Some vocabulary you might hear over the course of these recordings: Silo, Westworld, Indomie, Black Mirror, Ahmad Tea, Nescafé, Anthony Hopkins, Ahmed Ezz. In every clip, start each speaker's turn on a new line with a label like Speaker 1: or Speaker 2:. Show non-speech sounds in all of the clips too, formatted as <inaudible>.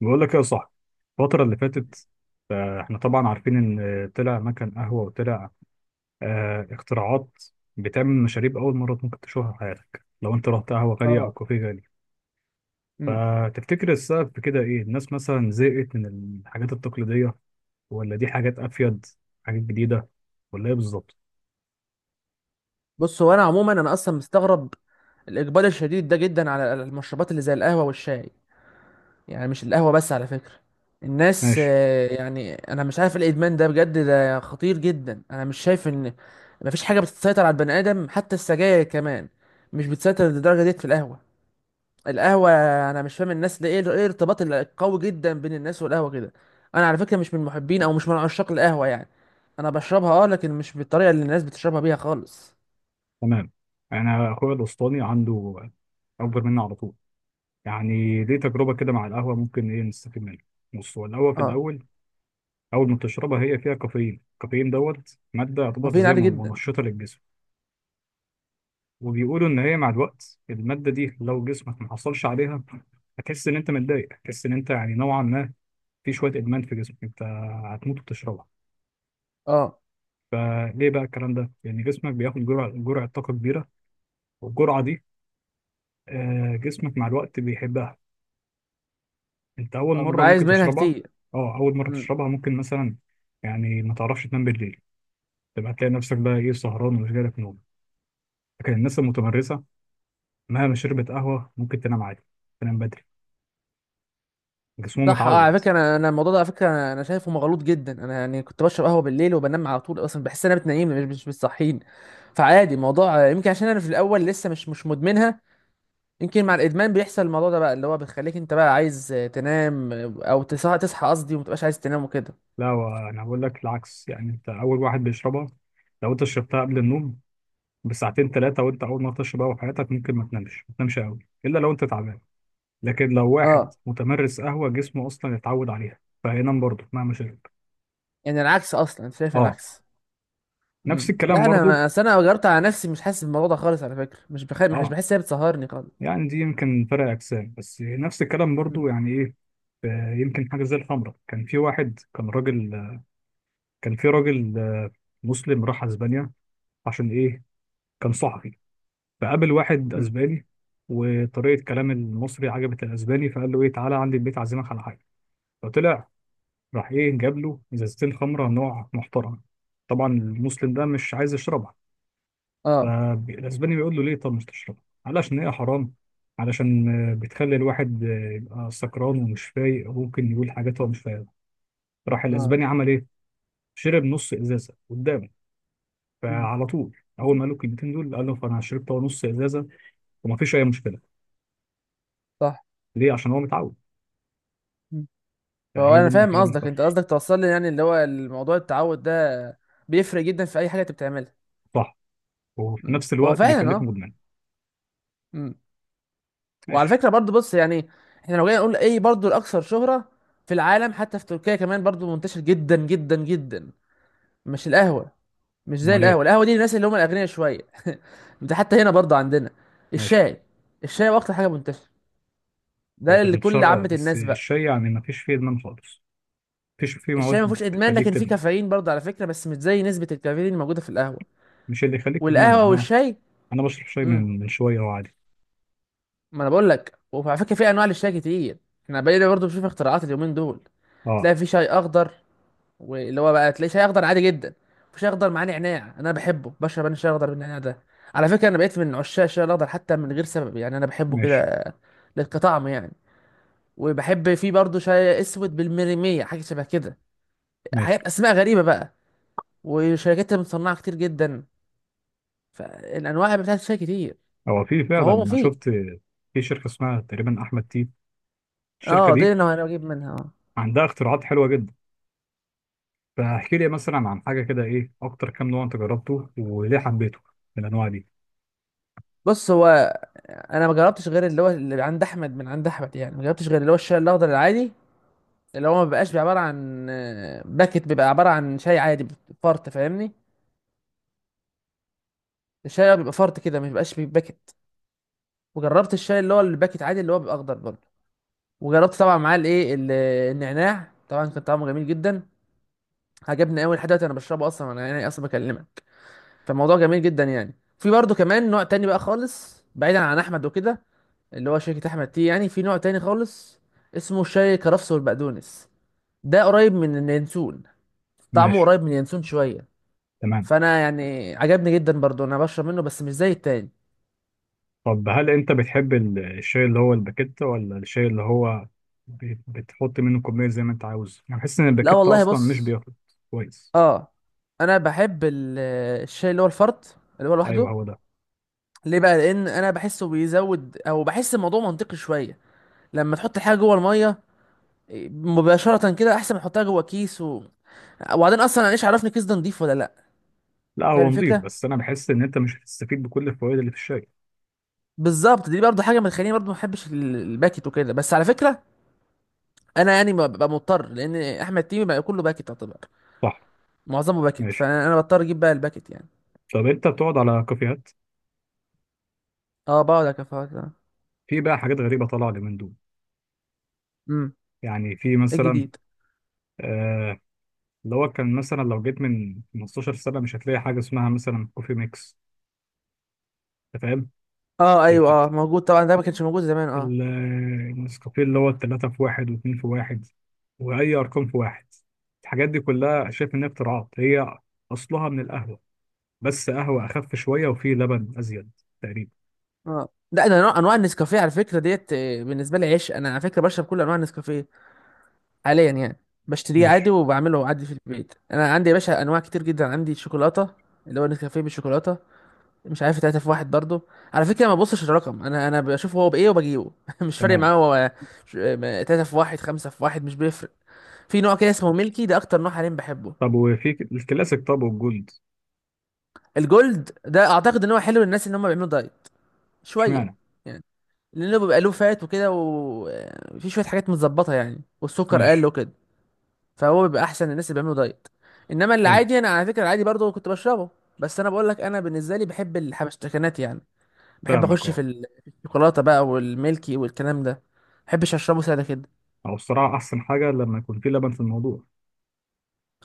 Speaker 1: بقول لك إيه يا صاحبي. الفترة اللي فاتت، احنا طبعا عارفين ان طلع مكان قهوة وطلع اختراعات بتعمل مشاريب أول مرة ممكن تشوفها في حياتك لو انت رحت قهوة غالية أو
Speaker 2: اه.
Speaker 1: كافيه غالي.
Speaker 2: امم
Speaker 1: فتفتكر السبب في كده ايه؟ الناس مثلا زهقت من الحاجات التقليدية، ولا دي حاجات أفيد، حاجات جديدة، ولا ايه بالظبط؟
Speaker 2: بص، هو انا عموما اصلا مستغرب الاقبال الشديد ده جدا على المشروبات اللي زي القهوه والشاي. يعني مش القهوه بس على فكره، الناس
Speaker 1: ماشي.
Speaker 2: يعني انا مش عارف إيه الادمان ده، بجد ده خطير جدا. انا مش شايف ان مفيش حاجه بتسيطر على البني ادم، حتى السجاير كمان مش بتسيطر للدرجه ديت في القهوه. القهوه، انا مش فاهم الناس ده ايه الارتباط القوي جدا بين الناس والقهوه كده. انا على فكره مش من محبين او مش من عشاق القهوه يعني. انا بشربها، اه، لكن مش بالطريقه اللي الناس بتشربها بيها خالص.
Speaker 1: تمام. أنا أخويا الأسطاني عنده، أكبر مني على طول، يعني ليه تجربة كده مع القهوة، ممكن ايه نستفيد منها؟ بص، هو القهوة في
Speaker 2: اه،
Speaker 1: الأول، اول ما تشربها هي فيها كافيين. الكافيين دوت ماده يعتبر
Speaker 2: كافيين
Speaker 1: زي
Speaker 2: عالي
Speaker 1: ما
Speaker 2: جدا.
Speaker 1: منشطه للجسم. وبيقولوا ان هي مع الوقت الماده دي لو جسمك ما حصلش عليها، هتحس ان انت متضايق، هتحس ان انت يعني نوعا ما في شويه ادمان في جسمك، انت هتموت وتشربها.
Speaker 2: اه.
Speaker 1: فليه بقى الكلام ده؟ لان جسمك بياخد جرعه طاقه كبيره، والجرعه دي، جسمك مع الوقت بيحبها. انت اول
Speaker 2: اه،
Speaker 1: مره
Speaker 2: بيبقى عايز
Speaker 1: ممكن
Speaker 2: منها
Speaker 1: تشربها.
Speaker 2: كتير.
Speaker 1: اه، اول مره
Speaker 2: امم
Speaker 1: تشربها ممكن مثلا يعني ما تعرفش تنام بالليل، تبقى تلاقي نفسك بقى ايه سهران ومش جالك نوم. لكن الناس المتمرسه، مهما شربت قهوة ممكن تنام عادي، تنام بدري، جسمه
Speaker 2: صح، اه. على
Speaker 1: متعود.
Speaker 2: فكره انا الموضوع ده، على فكره انا شايفه مغلوط جدا. انا يعني كنت بشرب قهوه بالليل وبنام على طول، اصلا بحس ان انا بتنيمني، مش بتصحيني. فعادي الموضوع، يمكن عشان انا في الاول لسه مش مدمنها. يمكن مع الادمان بيحصل الموضوع ده بقى، اللي هو بيخليك انت بقى عايز تنام، او تصحى قصدي، وما تبقاش عايز تنام وكده.
Speaker 1: لا، هو أنا بقول لك العكس. يعني أنت أول واحد بيشربها، لو أنت شربتها قبل النوم بساعتين ثلاثة، وأنت أول ما تشرب قهوة في حياتك، ممكن ما تنامش قوي، إلا لو أنت تعبان. لكن لو واحد
Speaker 2: اه.
Speaker 1: متمرس قهوة، جسمه أصلا اتعود عليها، فهينام برضه مهما شرب.
Speaker 2: يعني العكس اصلا، انت شايف
Speaker 1: أه،
Speaker 2: العكس.
Speaker 1: نفس الكلام
Speaker 2: لا،
Speaker 1: برضه.
Speaker 2: اصل انا جربت على نفسي، مش حاسس بالموضوع ده خالص على فكره. مش
Speaker 1: أه،
Speaker 2: بحس ان هي بتسهرني خالص.
Speaker 1: يعني دي يمكن فرق أجسام، بس نفس الكلام
Speaker 2: امم.
Speaker 1: برضه. يعني إيه؟ يمكن حاجة زي الخمرة. كان في واحد، كان راجل، كان في راجل مسلم راح اسبانيا. عشان ايه؟ كان صحفي، فقابل واحد
Speaker 2: امم.
Speaker 1: اسباني، وطريقه كلام المصري عجبت الاسباني، فقال له ايه، تعالى عندي البيت عازمك على حاجه. فطلع، راح ايه، جاب له ازازتين خمره نوع محترم. طبعا المسلم ده مش عايز يشربها.
Speaker 2: اه.
Speaker 1: فالاسباني بيقول له ليه؟ طب مش تشربها علشان هي حرام، علشان بتخلي الواحد يبقى سكران ومش فايق، وممكن يقول حاجات هو مش فاهمها. راح
Speaker 2: اه.
Speaker 1: الاسباني عمل ايه؟ شرب نص ازازه قدامه.
Speaker 2: مم.
Speaker 1: فعلى طول، اول ما قالوا الكلمتين دول، قال له فانا شربت هو نص ازازه وما فيش اي مشكله.
Speaker 2: صح.
Speaker 1: ليه؟ عشان هو متعود.
Speaker 2: مم. فهو
Speaker 1: فهي دي،
Speaker 2: انا فاهم
Speaker 1: هي دي
Speaker 2: قصدك،
Speaker 1: الفرق.
Speaker 2: انت قصدك توصل لي يعني اللي هو الموضوع، التعود ده بيفرق جدا في اي حاجه انت بتعملها.
Speaker 1: صح، وفي
Speaker 2: مم.
Speaker 1: نفس
Speaker 2: هو
Speaker 1: الوقت
Speaker 2: فعلا
Speaker 1: بيخليك
Speaker 2: اه.
Speaker 1: مدمن.
Speaker 2: مم. وعلى
Speaker 1: ماشي.
Speaker 2: فكره برضو، بص يعني، احنا لو جينا نقول ايه برضو الاكثر شهره في العالم، حتى في تركيا كمان برضو منتشر جدا جدا جدا، مش القهوه، مش زي
Speaker 1: امال ايه؟
Speaker 2: القهوه. القهوه دي للناس اللي هم الاغنياء شويه، ده حتى هنا برضو عندنا
Speaker 1: ماشي.
Speaker 2: الشاي. الشاي هو اكتر حاجه منتشره،
Speaker 1: هو
Speaker 2: ده
Speaker 1: في
Speaker 2: اللي كل
Speaker 1: الانتشار اه،
Speaker 2: عامه
Speaker 1: بس
Speaker 2: الناس بقى.
Speaker 1: الشاي يعني ما فيش فيه ادمان خالص، ما فيش فيه
Speaker 2: الشاي ما
Speaker 1: مواد
Speaker 2: فيهوش ادمان،
Speaker 1: تخليك
Speaker 2: لكن فيه
Speaker 1: تدمن،
Speaker 2: كافيين برضه على فكره، بس مش زي نسبه الكافيين اللي موجوده في القهوه
Speaker 1: مش اللي يخليك
Speaker 2: والقهوه
Speaker 1: تدمنه. انا
Speaker 2: والشاي.
Speaker 1: انا بشرب شاي
Speaker 2: امم
Speaker 1: من شويه، هو عادي.
Speaker 2: ما انا بقول لك، وعلى فكره في انواع للشاي كتير، احنا بقينا برضه بنشوف اختراعات اليومين دول.
Speaker 1: اه.
Speaker 2: تلاقي في شاي اخضر، واللي هو بقى تلاقي شاي اخضر عادي جدا، في شاي اخضر معاه نعناع. انا بحبه، بشرب انا الشاي الاخضر بالنعناع ده على فكره. انا بقيت من عشاق الشاي الاخضر حتى من غير سبب، يعني انا بحبه
Speaker 1: ماشي.
Speaker 2: كده للطعم يعني. وبحب فيه برضه شاي اسود بالمريميه، حاجه شبه كده،
Speaker 1: ماشي.
Speaker 2: حاجات اسماء غريبه بقى، وشركات مصنعه كتير جدا. فالانواع بتاعت الشاي كتير،
Speaker 1: هو في فعلا،
Speaker 2: فهو
Speaker 1: انا
Speaker 2: مفيد.
Speaker 1: شفت في شركه اسمها تقريبا احمد تي. الشركه
Speaker 2: اه، دي
Speaker 1: دي
Speaker 2: اللي انا بجيب منها اه.
Speaker 1: عندها اختراعات حلوه جدا. فاحكي لي مثلا عن حاجه كده، ايه اكتر كام نوع انت جربته، وليه حبيته من الانواع دي؟
Speaker 2: بص، هو انا ما جربتش غير اللي هو اللي عند احمد، من عند احمد يعني، ما جربتش غير اللي هو الشاي الاخضر العادي، اللي هو ما بيبقاش عباره عن باكت، بيبقى عباره عن شاي عادي فرط، فاهمني؟ الشاي بيبقى فرط كده، ما بيبقاش بيباكت. وجربت الشاي اللي هو الباكت عادي، اللي هو بيبقى اخضر برضه، وجربت طبعا معاه النعناع. طبعا كان طعمه جميل جدا، عجبني قوي. لحد دلوقتي انا بشربه اصلا، انا يعني اصلا بكلمك. فالموضوع جميل جدا يعني. في برضه كمان نوع تاني بقى خالص بعيدا عن احمد وكده، اللي هو شركة احمد تي، يعني في نوع تاني خالص اسمه شاي الكرفس والبقدونس، ده قريب من اليانسون، طعمه
Speaker 1: ماشي.
Speaker 2: قريب من اليانسون شوية.
Speaker 1: تمام.
Speaker 2: فانا يعني عجبني جدا برضو، انا بشرب منه بس مش زي التاني.
Speaker 1: طب هل انت بتحب الشاي اللي هو الباكيت، ولا الشاي اللي هو بتحط منه كميه زي ما انت عاوز؟ انا بحس ان
Speaker 2: لا
Speaker 1: الباكيت
Speaker 2: والله،
Speaker 1: اصلا مش
Speaker 2: بص
Speaker 1: بياخد. كويس.
Speaker 2: اه، انا بحب الشاي اللي هو الفرط، اللي هو
Speaker 1: ايوه،
Speaker 2: لوحده.
Speaker 1: هو ده.
Speaker 2: ليه بقى؟ لان انا بحسه بيزود، او بحس الموضوع منطقي شوية لما تحط حاجة جوه المية مباشرة كده، احسن ما احطها جوه كيس وبعدين اصلا انا ايش عرفني الكيس ده نضيف ولا لا.
Speaker 1: لا،
Speaker 2: فاهم
Speaker 1: هو نضيف،
Speaker 2: الفكرة؟
Speaker 1: بس انا بحس ان انت مش هتستفيد بكل الفوائد اللي في الشاي.
Speaker 2: بالظبط، دي برضه حاجة بتخليني برضه ما بحبش الباكت وكده. بس على فكرة انا يعني ببقى مضطر، لان احمد تيمي بقى كله باكت يعتبر،
Speaker 1: صح.
Speaker 2: معظمه باكت.
Speaker 1: ماشي.
Speaker 2: فانا بضطر اجيب بقى الباكت يعني.
Speaker 1: طب انت بتقعد على كافيهات؟
Speaker 2: اه، بقعد اكفاءات اه.
Speaker 1: في بقى حاجات غريبه طالعه اليومين دول.
Speaker 2: امم.
Speaker 1: يعني في مثلا،
Speaker 2: الجديد.
Speaker 1: آه، اللي هو كان مثلا لو جيت من 15 سنة مش هتلاقي حاجة اسمها مثلا كوفي ميكس. أنت فاهم؟
Speaker 2: اه ايوه،
Speaker 1: الحاجة
Speaker 2: اه موجود طبعا، ده ما كانش موجود زمان اه.
Speaker 1: ال- النسكافيه اللي هو التلاتة في واحد واتنين في واحد، وأي أرقام في واحد. الحاجات دي كلها شايف إنها اختراعات. هي أصلها من القهوة، بس قهوة أخف شوية وفيه لبن أزيد تقريبا.
Speaker 2: اه، ده انا انواع النسكافيه على فكره ديت، بالنسبه لي عشق. انا على فكره بشرب كل انواع النسكافيه حاليا يعني، بشتريه عادي
Speaker 1: ماشي.
Speaker 2: وبعمله عادي في البيت. انا عندي يا باشا انواع كتير جدا، عندي شوكولاته، اللي هو نسكافيه بالشوكولاته، مش عارف تلاته في واحد برضه، على فكره ما ببصش الرقم انا، بشوف هو بايه وبجيبه <laughs> مش فارق
Speaker 1: تمام.
Speaker 2: معايا هو تلاته في واحد، خمسه في واحد، مش بيفرق. في نوع كده اسمه ميلكي، ده اكتر نوع حاليا بحبه.
Speaker 1: طب وفي الكلاسيك، طب والجولد.
Speaker 2: الجولد ده اعتقد ان هو حلو للناس ان هم بيعملوا دايت شويه،
Speaker 1: اشمعنى؟
Speaker 2: يعني لانه بيبقى له فات وكده، وفي شويه حاجات متظبطه يعني، والسكر قل
Speaker 1: ماشي.
Speaker 2: وكده، فهو بيبقى احسن للناس اللي بيعملوا دايت. انما اللي
Speaker 1: حلو.
Speaker 2: عادي، انا على فكره العادي برضه كنت بشربه. بس انا بقول لك، انا بالنسبه لي بحب الحبشتكنات يعني، بحب
Speaker 1: فاهمك
Speaker 2: اخش في
Speaker 1: أه،
Speaker 2: في الشوكولاته بقى والميلكي، والكلام ده ما بحبش اشربه ساده كده.
Speaker 1: أو الصراحة أحسن حاجة لما يكون فيه لبن في الموضوع.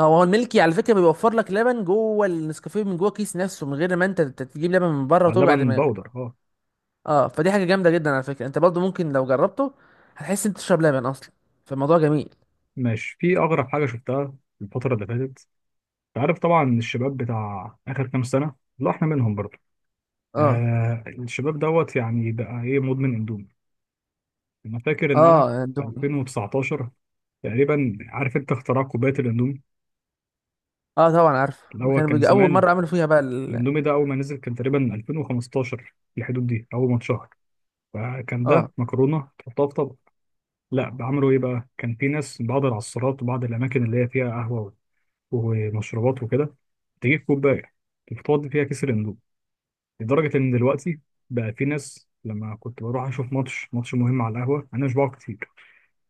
Speaker 2: هو هو الميلكي على فكره بيوفر لك لبن جوه النسكافيه، من جوه الكيس نفسه، من غير ما انت تجيب لبن من بره وتوجع
Speaker 1: اللبن بودر
Speaker 2: دماغك.
Speaker 1: اه.
Speaker 2: اه، فدي حاجه جامده جدا على فكره، انت برضه ممكن لو جربته هتحس انت تشرب لبن اصلا. فالموضوع جميل.
Speaker 1: ماشي. في أغرب حاجة شفتها الفترة اللي فاتت. أنت عارف طبعا الشباب بتاع آخر كام سنة، لا إحنا منهم برضه،
Speaker 2: اه.
Speaker 1: آه الشباب دوت يعني بقى إيه، مدمن أندومي. أنا فاكر إن أنا
Speaker 2: اه
Speaker 1: في
Speaker 2: اندومي.
Speaker 1: 2019 تقريبا، عارف أنت اختراع كوباية الأندومي؟
Speaker 2: اه طبعا عارف،
Speaker 1: اللي
Speaker 2: ما
Speaker 1: هو
Speaker 2: كانوا
Speaker 1: كان
Speaker 2: بيجي اول
Speaker 1: زمان،
Speaker 2: مره عملوا فيها بقى
Speaker 1: الأندومي ده أول ما نزل كان تقريبا 2015 في الحدود دي، أول ما اتشهر فكان
Speaker 2: اه.
Speaker 1: ده مكرونة تحطها في طبق. لا، بعملوا إيه بقى، كان في ناس من بعض العصارات وبعض الأماكن اللي هي فيها قهوة ومشروبات وكده، تجيب كوباية تفضي فيها كيس الاندومي. لدرجة إن دلوقتي بقى في ناس، لما كنت بروح أشوف ماتش مهم على القهوة، أنا مش بقعد كتير،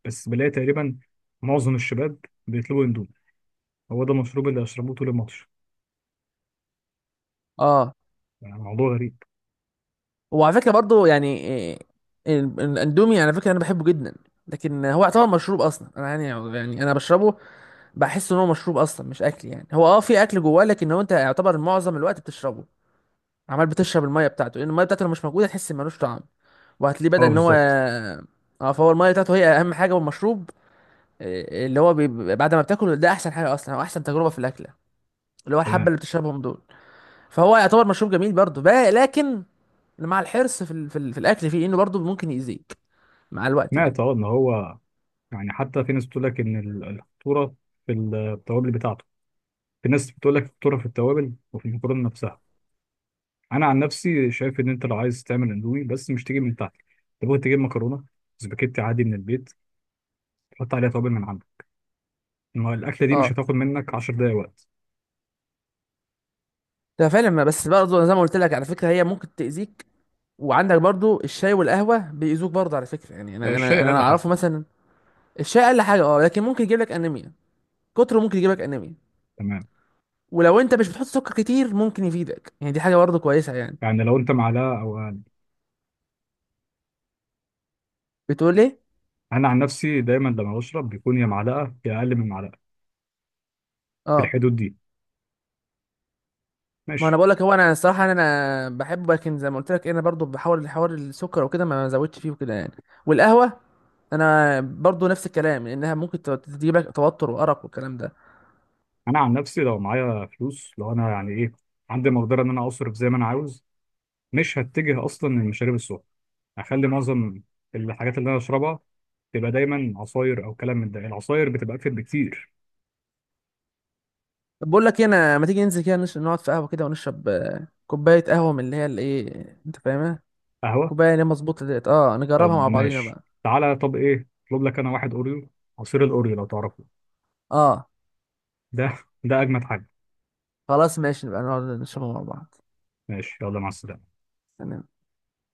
Speaker 1: بس بلاقي تقريبا معظم الشباب بيطلبوا اندومي، هو ده المشروب اللي أشربوه طول الماتش.
Speaker 2: اه.
Speaker 1: يعني موضوع غريب.
Speaker 2: وعلى فكره برضو يعني الاندومي على فكره انا بحبه جدا، لكن هو يعتبر مشروب اصلا. انا يعني، يعني انا بشربه، بحس ان هو مشروب اصلا مش اكل يعني. هو اه في اكل جواه، لكن هو انت يعتبر معظم الوقت بتشربه، عمال بتشرب الميه بتاعته، لان الميه بتاعته لو مش موجوده تحس إن ملوش طعم. وهتلاقيه بدأ
Speaker 1: أه،
Speaker 2: ان هو
Speaker 1: بالظبط.
Speaker 2: اه، فهو الميه بتاعته هي اهم حاجه، والمشروب اللي هو بعد ما بتاكله، ده احسن حاجه اصلا او احسن تجربه في الاكله، اللي هو الحبه
Speaker 1: تمام.
Speaker 2: اللي بتشربهم دول. فهو يعتبر مشروب جميل برضه بقى، لكن مع الحرص في في الاكل فيه، انه برضه ممكن يأذيك مع الوقت يعني.
Speaker 1: سمعت أه إن هو يعني، حتى في ناس بتقول لك إن الخطورة في التوابل بتاعته، في ناس بتقول لك الخطورة في التوابل وفي المكرونة نفسها. أنا عن نفسي شايف إن أنت لو عايز تعمل اندومي، بس مش تجيب من تحت، تبغى تجيب مكرونة سباكيتي عادي من البيت، حط عليها توابل من عندك. ما الاكله دي مش
Speaker 2: اه،
Speaker 1: هتاخد منك 10 دقايق وقت.
Speaker 2: ده فعلا بس برضه زي ما قلت لك على فكره، هي ممكن تأذيك. وعندك برضه الشاي والقهوه بيأذوك برضه على فكره يعني، انا انا
Speaker 1: الشاي
Speaker 2: انا
Speaker 1: اقل حاجه.
Speaker 2: اعرفه مثلا. الشاي اقل حاجه اه، لكن ممكن يجيب لك انيميا، كتره ممكن يجيب لك انيميا.
Speaker 1: تمام.
Speaker 2: ولو انت مش بتحط سكر كتير ممكن يفيدك يعني، دي حاجه برضه كويسه يعني.
Speaker 1: يعني لو انت معلقه او اقل،
Speaker 2: بتقول ايه؟
Speaker 1: انا عن نفسي دايما لما بشرب بيكون يا معلقه يا اقل من معلقه، في
Speaker 2: اه،
Speaker 1: الحدود دي.
Speaker 2: ما
Speaker 1: ماشي.
Speaker 2: انا بقول لك، هو انا الصراحه انا بحبه، لكن زي ما قلت لك انا برضه بحاول حوار السكر وكده، ما زودتش فيه وكده يعني. والقهوه انا برضو نفس الكلام، لانها ممكن تجيب لك توتر وارق والكلام ده.
Speaker 1: انا عن نفسي لو معايا فلوس، لو انا يعني ايه، عندي مقدره ان انا اصرف زي ما انا عاوز، مش هتجه اصلا للمشاريب السخنه. هخلي معظم الحاجات اللي انا اشربها تبقى دايما عصاير، او كلام من ده، العصاير بتبقى اكتر بكتير.
Speaker 2: طب بقول لك انا ما تيجي ننزل كده نقعد في قهوه كده، ونشرب كوبايه قهوه من اللي هي الايه انت فاهمها،
Speaker 1: قهوه.
Speaker 2: كوبايه اللي هي مظبوطه ديت اه، نجربها مع
Speaker 1: طب
Speaker 2: بعضينا
Speaker 1: ماشي.
Speaker 2: بقى.
Speaker 1: تعالى، طب ايه، اطلب لك انا واحد اوريو، عصير الاوريو لو تعرفه.
Speaker 2: اه
Speaker 1: ده ده اجمد حاجه.
Speaker 2: خلاص، ماشي، نبقى نقعد نشربها مع بعض.
Speaker 1: ماشي، يلا، مع السلامه.
Speaker 2: تمام.